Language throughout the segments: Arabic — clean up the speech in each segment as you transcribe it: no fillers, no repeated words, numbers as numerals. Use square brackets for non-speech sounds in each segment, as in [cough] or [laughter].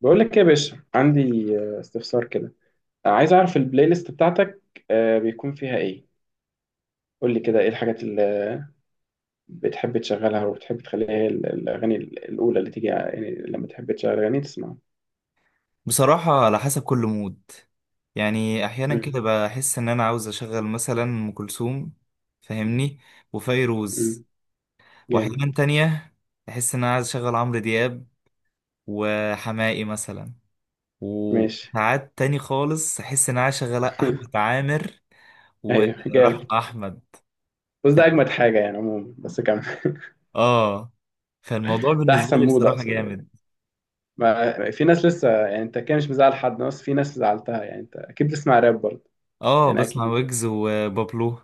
بقول لك إيه يا باشا، عندي استفسار كده. عايز اعرف البلاي ليست بتاعتك بيكون فيها ايه. قول لي كده ايه الحاجات اللي بتحب تشغلها وبتحب تخليها هي الاغاني الاولى اللي تيجي، يعني لما تحب تشغل اغاني تسمعها. بصراحة على حسب كل مود. يعني أحيانا مم. كده بحس إن أنا عاوز أشغل مثلا أم كلثوم، فاهمني، وفيروز. مم. جامد. وأحيانا تانية بحس إن أنا عايز أشغل عمرو دياب وحماقي مثلا. ماشي. وساعات تاني خالص أحس إن أنا عايز أشغل أحمد [laughs] عامر ايوه جامد. ورحمة أحمد. بس ده فاهم. اجمد حاجه يعني عموما، بس كمل. [laughs] آه فالموضوع ده بالنسبة احسن لي مود بصراحة اقصد يعني. جامد. ما في ناس لسه يعني، انت كده مش مزعل حد، بس في ناس زعلتها. يعني انت اكيد بتسمع راب برضه. يعني بسمع اكيد. ويجز وبابلو.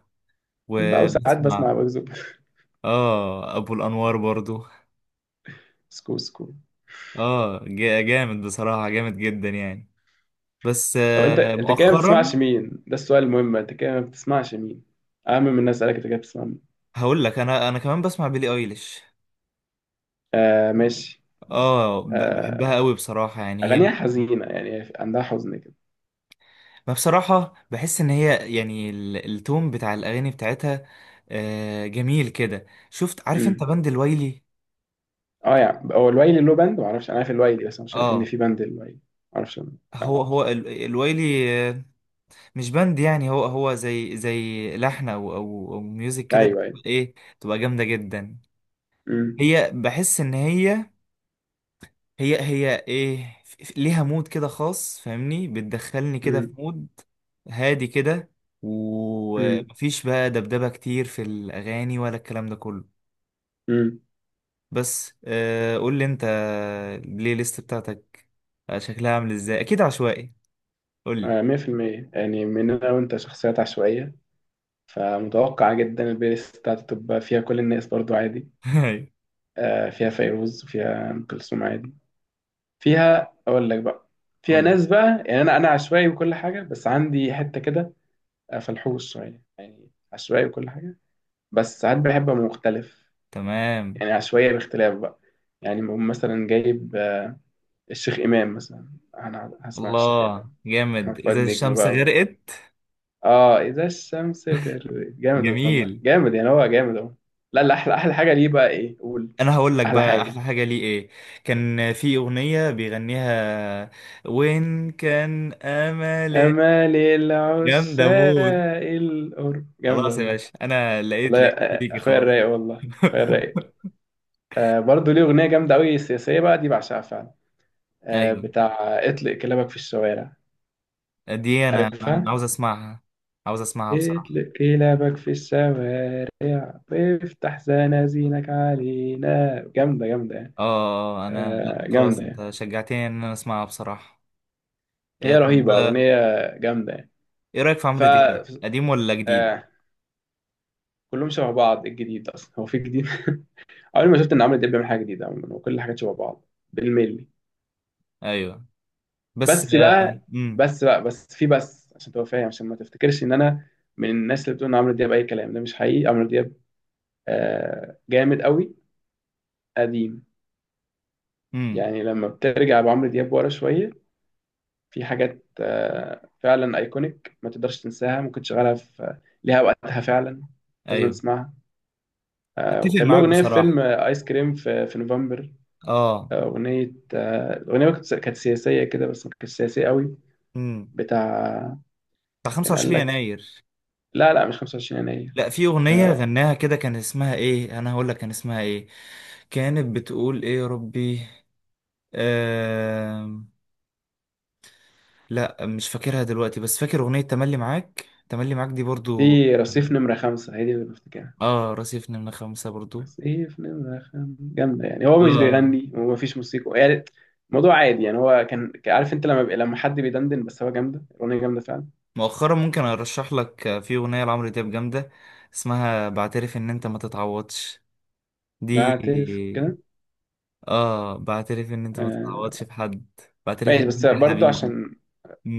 بقى، وساعات وبسمع بسمع بكذب. [laughs] أبو الأنوار برضو. سكو سكو. جامد بصراحة، جامد جدا يعني. بس. او انت طب انت كده ما مؤخرا بتسمعش مين؟ ده السؤال المهم، انت كده ما بتسمعش مين اهم من الناس؟ اسالك انت كده بتسمع مين؟ هقول لك، انا كمان بسمع بيلي ايليش. آه ماشي. بحبها آه قوي بصراحة، يعني هي. اغانيها حزينه يعني، عندها حزن كده. ما بصراحة بحس ان هي يعني التون بتاع الاغاني بتاعتها. جميل كده. شفت، عارف انت امم. بند الويلي؟ اه يعني هو الويلي له باند؟ ما اعرفش، انا عارف الويلي بس أنا مش عارف ان اه، في باند الويلي، ما اعرفش أنا. لا ما هو اعرفش. الويلي، مش بند يعني. هو هو زي لحن، او او أو ميوزك كده، ايوه ايوه. بتبقى ايه، بتبقى جامدة جدا. امم. هي بحس ان هي، هي ايه، ليها مود كده خاص، فاهمني. بتدخلني كده في امم. مود هادي كده. امم. ومفيش بقى دبدبة كتير في الأغاني ولا الكلام ده كله. امم. بس قول لي انت، البلاي ليست بتاعتك شكلها عامل ازاي؟ اكيد عشوائي. قول لي. آه 100% يعني، من انا وانت شخصيات عشوائيه، فمتوقع جدا البلاي ليست بتاعتي تبقى فيها كل الناس برضو عادي. [laughs] آه فيها فيروز وفيها ام كلثوم عادي. فيها اقول لك بقى، فيها قول لي. ناس بقى يعني، انا عشوائي وكل حاجه، بس عندي حته كده فلحوص شويه، يعني عشوائي وكل حاجه، بس ساعات بحب ابقى مختلف، تمام. يعني عشوائيه باختلاف بقى. يعني بقوم مثلا جايب الشيخ امام مثلا، انا هسمع الشيخ الله، امام، احمد جامد. فؤاد إذا نجم الشمس بقى و... غرقت. اه اذا الشمس غربت، جامد والله، جميل. جامد يعني، هو جامد اهو. لا لا، احلى احلى حاجه ليه بقى ايه، قول. انا هقول لك احلى بقى احلى حاجه حاجه ليه ايه. كان في اغنيه بيغنيها، وين كان املي. امال جامده مود. العشاق القرب، جامد خلاص يا والله. باشا، انا لقيت، والله لقيت شريكي اخويا خلاص. الرايق، والله اخويا [laughs] الرايق. آه برضه ليه اغنيه جامده قوي سياسيه بقى دي، بعشقها فعلا. آه ايوه. بتاع اطلق كلابك في الشوارع، دي انا، أنا عارفها. عاوز اسمعها، عاوز اسمعها بصراحه. اطلق كلابك في الشوارع وافتح زنازينك علينا، جامده جامده يعني. اه، آه، آه، انا لا آه خلاص، جامده يعني، انت شجعتني ان انا اسمعها بصراحه. إيه هي طب. رهيبه اغنيه، جامده يعني. ايه رايك في ف عمرو دياب، قديم ولا جديد؟ آه كلهم شبه بعض، إيه الجديد اصلا، هو في جديد؟ [laughs] عمري ما شفت ان عمرو دياب بيعمل حاجه جديده عموما، وكل الحاجات شبه بعض بالملي. ايوه، بس، بس بقى امم، بس بقى بس في بس عشان تبقى فاهم، عشان ما تفتكرش ان انا من الناس اللي بتقول ان عمرو دياب اي كلام، ده مش حقيقي. عمرو دياب آه جامد قوي قديم. امم، يعني لما بترجع بعمرو دياب ورا شويه، في حاجات آه فعلا ايكونيك ما تقدرش تنساها، ممكن تشغلها في ليها وقتها فعلا، لازم ايوه، تسمعها. آه اتفق وكان له معاك اغنيه في فيلم بصراحه. ايس كريم في نوفمبر. اه، اغنيه، الاغنيه كانت سياسيه كده بس ما كانتش سياسيه قوي. مم. بتاع بتاع كان قال 25 لك يناير. لا لا، مش 25 يناير. لا، في اغنيه آه، غناها كده، كان اسمها ايه، انا هقول لك كان اسمها ايه. كانت بتقول ايه يا ربي. آم... لا مش فاكرها دلوقتي، بس فاكر اغنيه تملي معاك، تملي معاك دي برضو. في رصيف نمرة خمسة، هي دي اللي بفتكرها. اه، رصيفنا من 5 برضو. رصيف نمرة خمسة جامدة يعني، هو مش اه بيغني ومفيش موسيقى يعني، الموضوع عادي يعني، هو كان عارف انت لما بي... لما حد بيدندن بس، هو جامدة الأغنية جامدة فعلا. مؤخرا ممكن ارشح لك في اغنيه لعمرو دياب جامده، اسمها بعترف ان انت ما تتعوضش. دي، بعترف كده. اه بعترف ان انت ما آه، تتعوضش في حد. بعترف ماشي ان بس انت برضو حبيبي. عشان،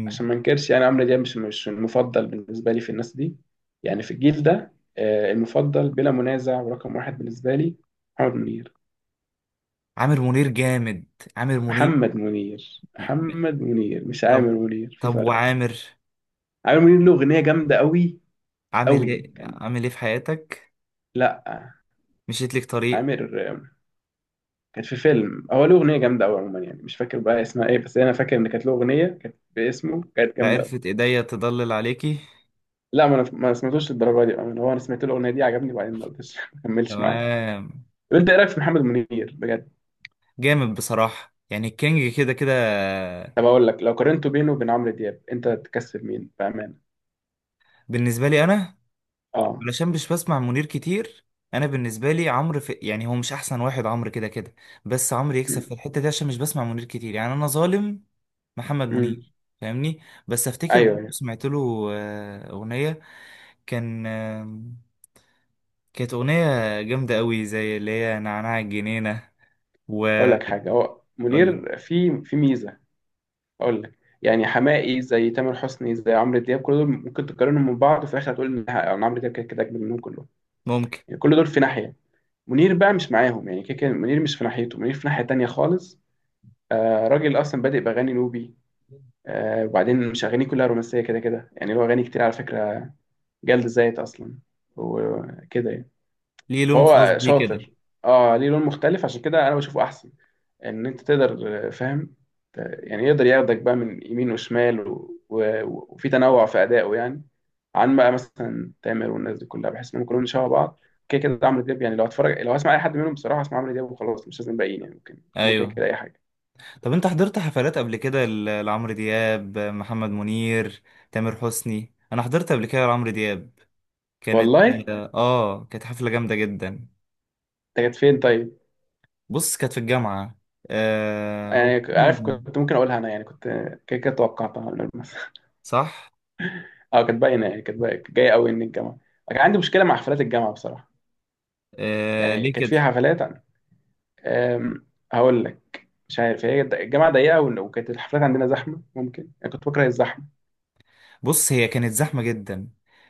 عشان ما انكرش، يعني عمرو دياب مش المفضل بالنسبة لي في الناس دي، يعني في الجيل ده. المفضل بلا منازع ورقم واحد بالنسبة لي محمد منير. عامر منير جامد. عامر منير. محمد منير، محمد منير مش عامر طب. منير، في فرق. وعامر عامر منير له أغنية جامدة قوي عامل قوي ايه، كان، عامل ايه في حياتك. لا، مشيت لك طريق. عامر كانت في فيلم، هو له اغنيه جامده قوي عموما يعني، مش فاكر بقى اسمها ايه، بس انا فاكر ان كانت له اغنيه كانت باسمه، كانت جامده أوي. عرفت ايديا تضلل عليكي. لا ما انا ما سمعتوش للدرجه دي، أنا هو انا سمعت له الاغنيه دي، عجبني وبعدين ما قلتش [laughs] ما كملش معايا. تمام. طب انت ايه رايك في محمد منير بجد؟ جامد بصراحة، يعني الكينج كده كده. طب اقول لك لو قارنته بينه وبين عمرو دياب، انت تكسب مين بامانه؟ بالنسبة لي انا، اه علشان مش بسمع منير كتير. انا بالنسبة لي عمرو في، يعني هو مش احسن واحد. عمرو كده كده، بس عمرو يكسب في الحتة دي عشان مش بسمع منير كتير، يعني انا ظالم محمد امم. منير، فاهمني. بس افتكر برضه ايوه ايوه. سمعت له اغنية. كان كانت أغنية جامدة قوي، زي اللي هي نعناع الجنينة، و اقول لك حاجه، هو قول لي. منير في في ميزه. اقول لك يعني، حماقي زي تامر حسني زي عمرو دياب، كل دول ممكن تقارنهم من بعض، وفي الاخر هتقول ان إن عمرو دياب كده كده اجمد منهم كلهم. ممكن. يعني كل دول في ناحيه، منير بقى مش معاهم، يعني كده كده منير مش في ناحيته، منير في ناحيه تانية خالص. آه راجل اصلا بادئ باغاني نوبي. آه وبعدين مش اغانيه كلها رومانسيه كده كده يعني، له اغاني كتير على فكره، جلد ذات اصلا، وكده يعني، ليه لون خاص فهو بيه كده. شاطر. اه ليه لون مختلف، عشان كده انا بشوفه احسن، ان انت تقدر فاهم، يعني يقدر ياخدك بقى من يمين وشمال و... و... وفي تنوع في ادائه يعني. عن بقى مثلا تامر والناس دي كلها، بحس انهم كلهم شبه بعض كده كده. عمرو دياب يعني لو هتفرج، لو هسمع اي حد منهم بصراحه اسمع عمرو دياب وخلاص، مش لازم باقيين، يعني ممكن هم كده أيوه. كده اي حاجه. طب أنت حضرت حفلات قبل كده، لعمرو دياب، محمد منير، تامر حسني؟ أنا حضرت قبل كده لعمرو دياب. كانت. والله انت كانت حفلة جامدة جدا. كانت فين طيب؟ بص كانت في الجامعة. آه هو. يعني عارف كنت ممكن اقولها انا يعني، كنت كده كده توقعتها [laughs] من قبل مثلا. [laughs] صح. اه كانت باينه يعني، كانت باينة- كانت جايه قوي ان الجامعه. كان عندي مشكله مع حفلات الجامعه بصراحه. آه يعني ليه كانت كده. فيها حفلات أم، هقول لك مش عارف، هي الجامعة ضيقة وكانت الحفلات عندنا زحمة، ممكن أنا كنت بكره الزحمة. بص هي كانت زحمة جدا.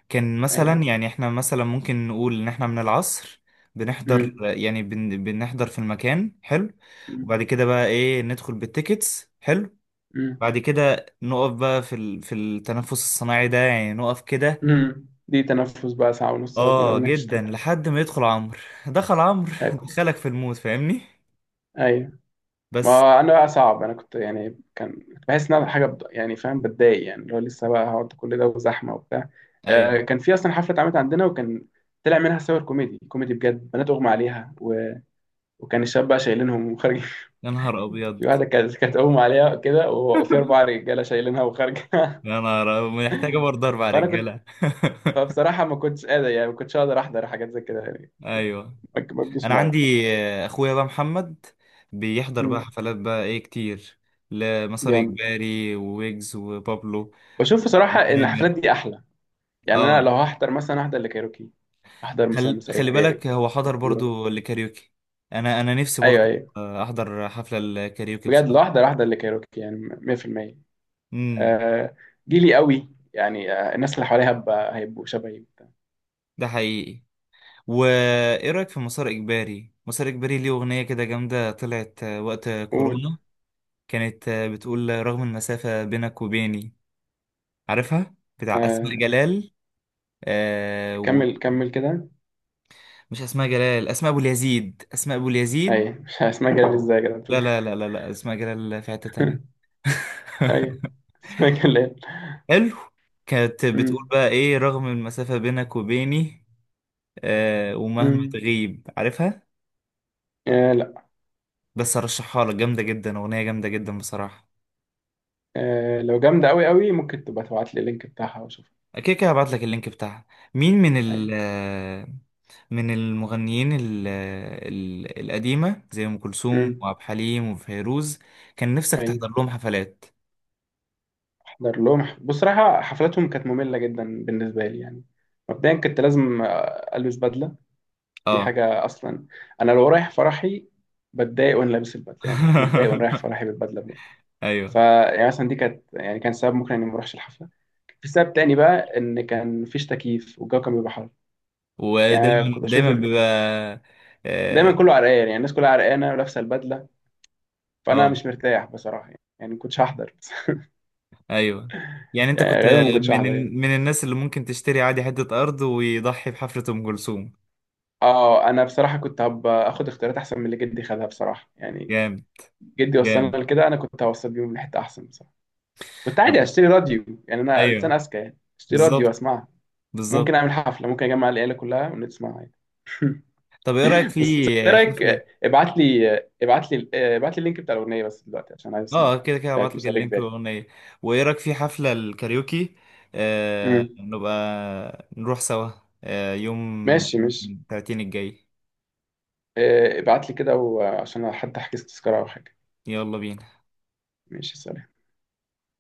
كان مثلا، أيوه. يعني احنا مثلا ممكن نقول ان احنا من العصر بنحضر، أمم. يعني بنحضر في المكان، حلو. أمم. وبعد كده بقى ايه ندخل بالتيكتس، حلو. أمم. بعد كده نقف بقى في في التنفس الصناعي ده، يعني نقف كده. أمم. دي تنفس بقى ساعة ونص لغاية ما اه الأغنية جدا، تشتغل. لحد ما يدخل عمرو. دخل عمرو [laughs] أكو- دخلك في الموت، فاهمني. أيوه. بس. ما أنا بقى صعب، أنا كنت يعني كنت بحس إن أنا حاجة يعني فاهم بتضايق، يعني اللي هو لسه بقى هقعد كل ده وزحمة وبتاع. ايوه. كان في أصلا حفلة اتعملت عندنا، وكان طلع منها صور كوميدي كوميدي بجد، بنات أغمى عليها و... وكان الشباب بقى شايلينهم وخارج. يا نهار في ابيض. واحده كانت اغمى عليها كده وفي اربع [laughs] رجاله شايلينها وخارجه. يا [laughs] نهار أبيض، محتاجة برضه اربع فانا كنت، رجالة فبصراحه ما كنتش قادر يعني، ما كنتش اقدر احضر حاجات زي كده، يعني [laughs] كنت- ايوه. ما بجيش انا معايا. عندي اخويا بقى محمد بيحضر بقى مم. حفلات بقى ايه كتير. لمسار جامد. اجباري وويجز وبابلو. بشوف بصراحه ان الحفلات وتامر. دي احلى. يعني انا اه، لو هحضر مثلا احضر لكايروكي، احضر مثلا مصاري خلي كباري، بالك، هو حضر اسطوره. برضو لكاريوكي. انا انا نفسي ايوه برضو ايوه. احضر حفلة الكاريوكي بجد بصراحة. لو احضر احضر لكايروكي يعني 100%. امم. آه جيلي قوي يعني، آه الناس اللي حواليها هيبقوا شبهي. ده حقيقي. وايه رايك في مسار اجباري؟ مسار اجباري ليه اغنية كده جامدة، طلعت وقت قول. كورونا. كانت بتقول رغم المسافة بينك وبيني، عارفها، بتاع اسماء آه جلال. آه و- كمل كمل كده. مش اسماء جلال، اسماء ابو اليزيد، اسماء ابو اليزيد. ايوه [laughs] مش اسمها، جايب ازاي كده لا بتقول. لا لا لا لا، اسماء جلال في حتة تانية. ايوه [laughs] اسمها الليل. حلو. كانت بتقول امم. بقى ايه رغم المسافة بينك وبيني، ومهما امم. تغيب، عارفها. آه لا. بس ارشحها لك، جامدة جدا، اغنية جامدة جدا بصراحة. آه لو جامده قوي قوي، ممكن تبقى تبعت لي اللينك بتاعها واشوفها. اكيد كده هبعت لك اللينك بتاعها. مين من ال ايوه. آه، من المغنيين القديمة زي ام كلثوم امم. وعبد الحليم وفيروز كان نفسك ايوه تحضر لهم حفلات؟ احضر لهم بصراحه حفلاتهم كانت ممله جدا بالنسبه لي يعني. مبدئيا كنت لازم البس بدله، دي اه. حاجه اصلا، انا لو رايح فرحي بتضايق وانا لابس البدله، يعني كنت متضايق وانا رايح [laughs] فرحي بالبدله بجد. ايوه. فيعني مثلا دي كانت، يعني كان سبب ممكن اني ما اروحش الحفله. في سبب تاني بقى، ان كان مفيش تكييف والجو كان بيبقى حر، يعني ودايما كنت بشوف دايما بيبقى. دايما اه، كله عرقان، يعني الناس كلها عرقانه ولابسه البدله، آه، فانا مش مرتاح بصراحه، يعني ما كنتش هحضر بس. [laughs] ايوه. يعني انت يعني كنت غالبا ما كنتش هحضر من يعني. من الناس اللي ممكن تشتري عادي حتة ارض، ويضحي بحفرة ام كلثوم. اه انا بصراحه كنت هبقى اخد اختيارات احسن من اللي جدي خدها بصراحه يعني، جامد. جدي جامد. وصلنا لكده، انا كنت هوصل بيهم لحته احسن بصراحه. كنت طب. عادي اشتري راديو، يعني انا انسان ايوه. اذكى، يعني اشتري راديو بالظبط. اسمعها، ممكن بالظبط. اعمل حفله، ممكن اجمع العيله كلها ونسمعها يعني. طب ايه رايك في بس ايه رايك، حفلة. ابعت لي اللينك بتاع الاغنيه بس دلوقتي عشان عايز اسمعها، اه كده كده بتاعت هبعت لك مسار اللينك اجباري. والاغنية. وايه رايك في حفلة الكاريوكي، امم. نبقى نروح سوا، يوم ماشي ماشي. 30 الجاي. ابعت لي كده وعشان حتى احجز تذكرة او حاجة. يلا بينا ماشي سلام.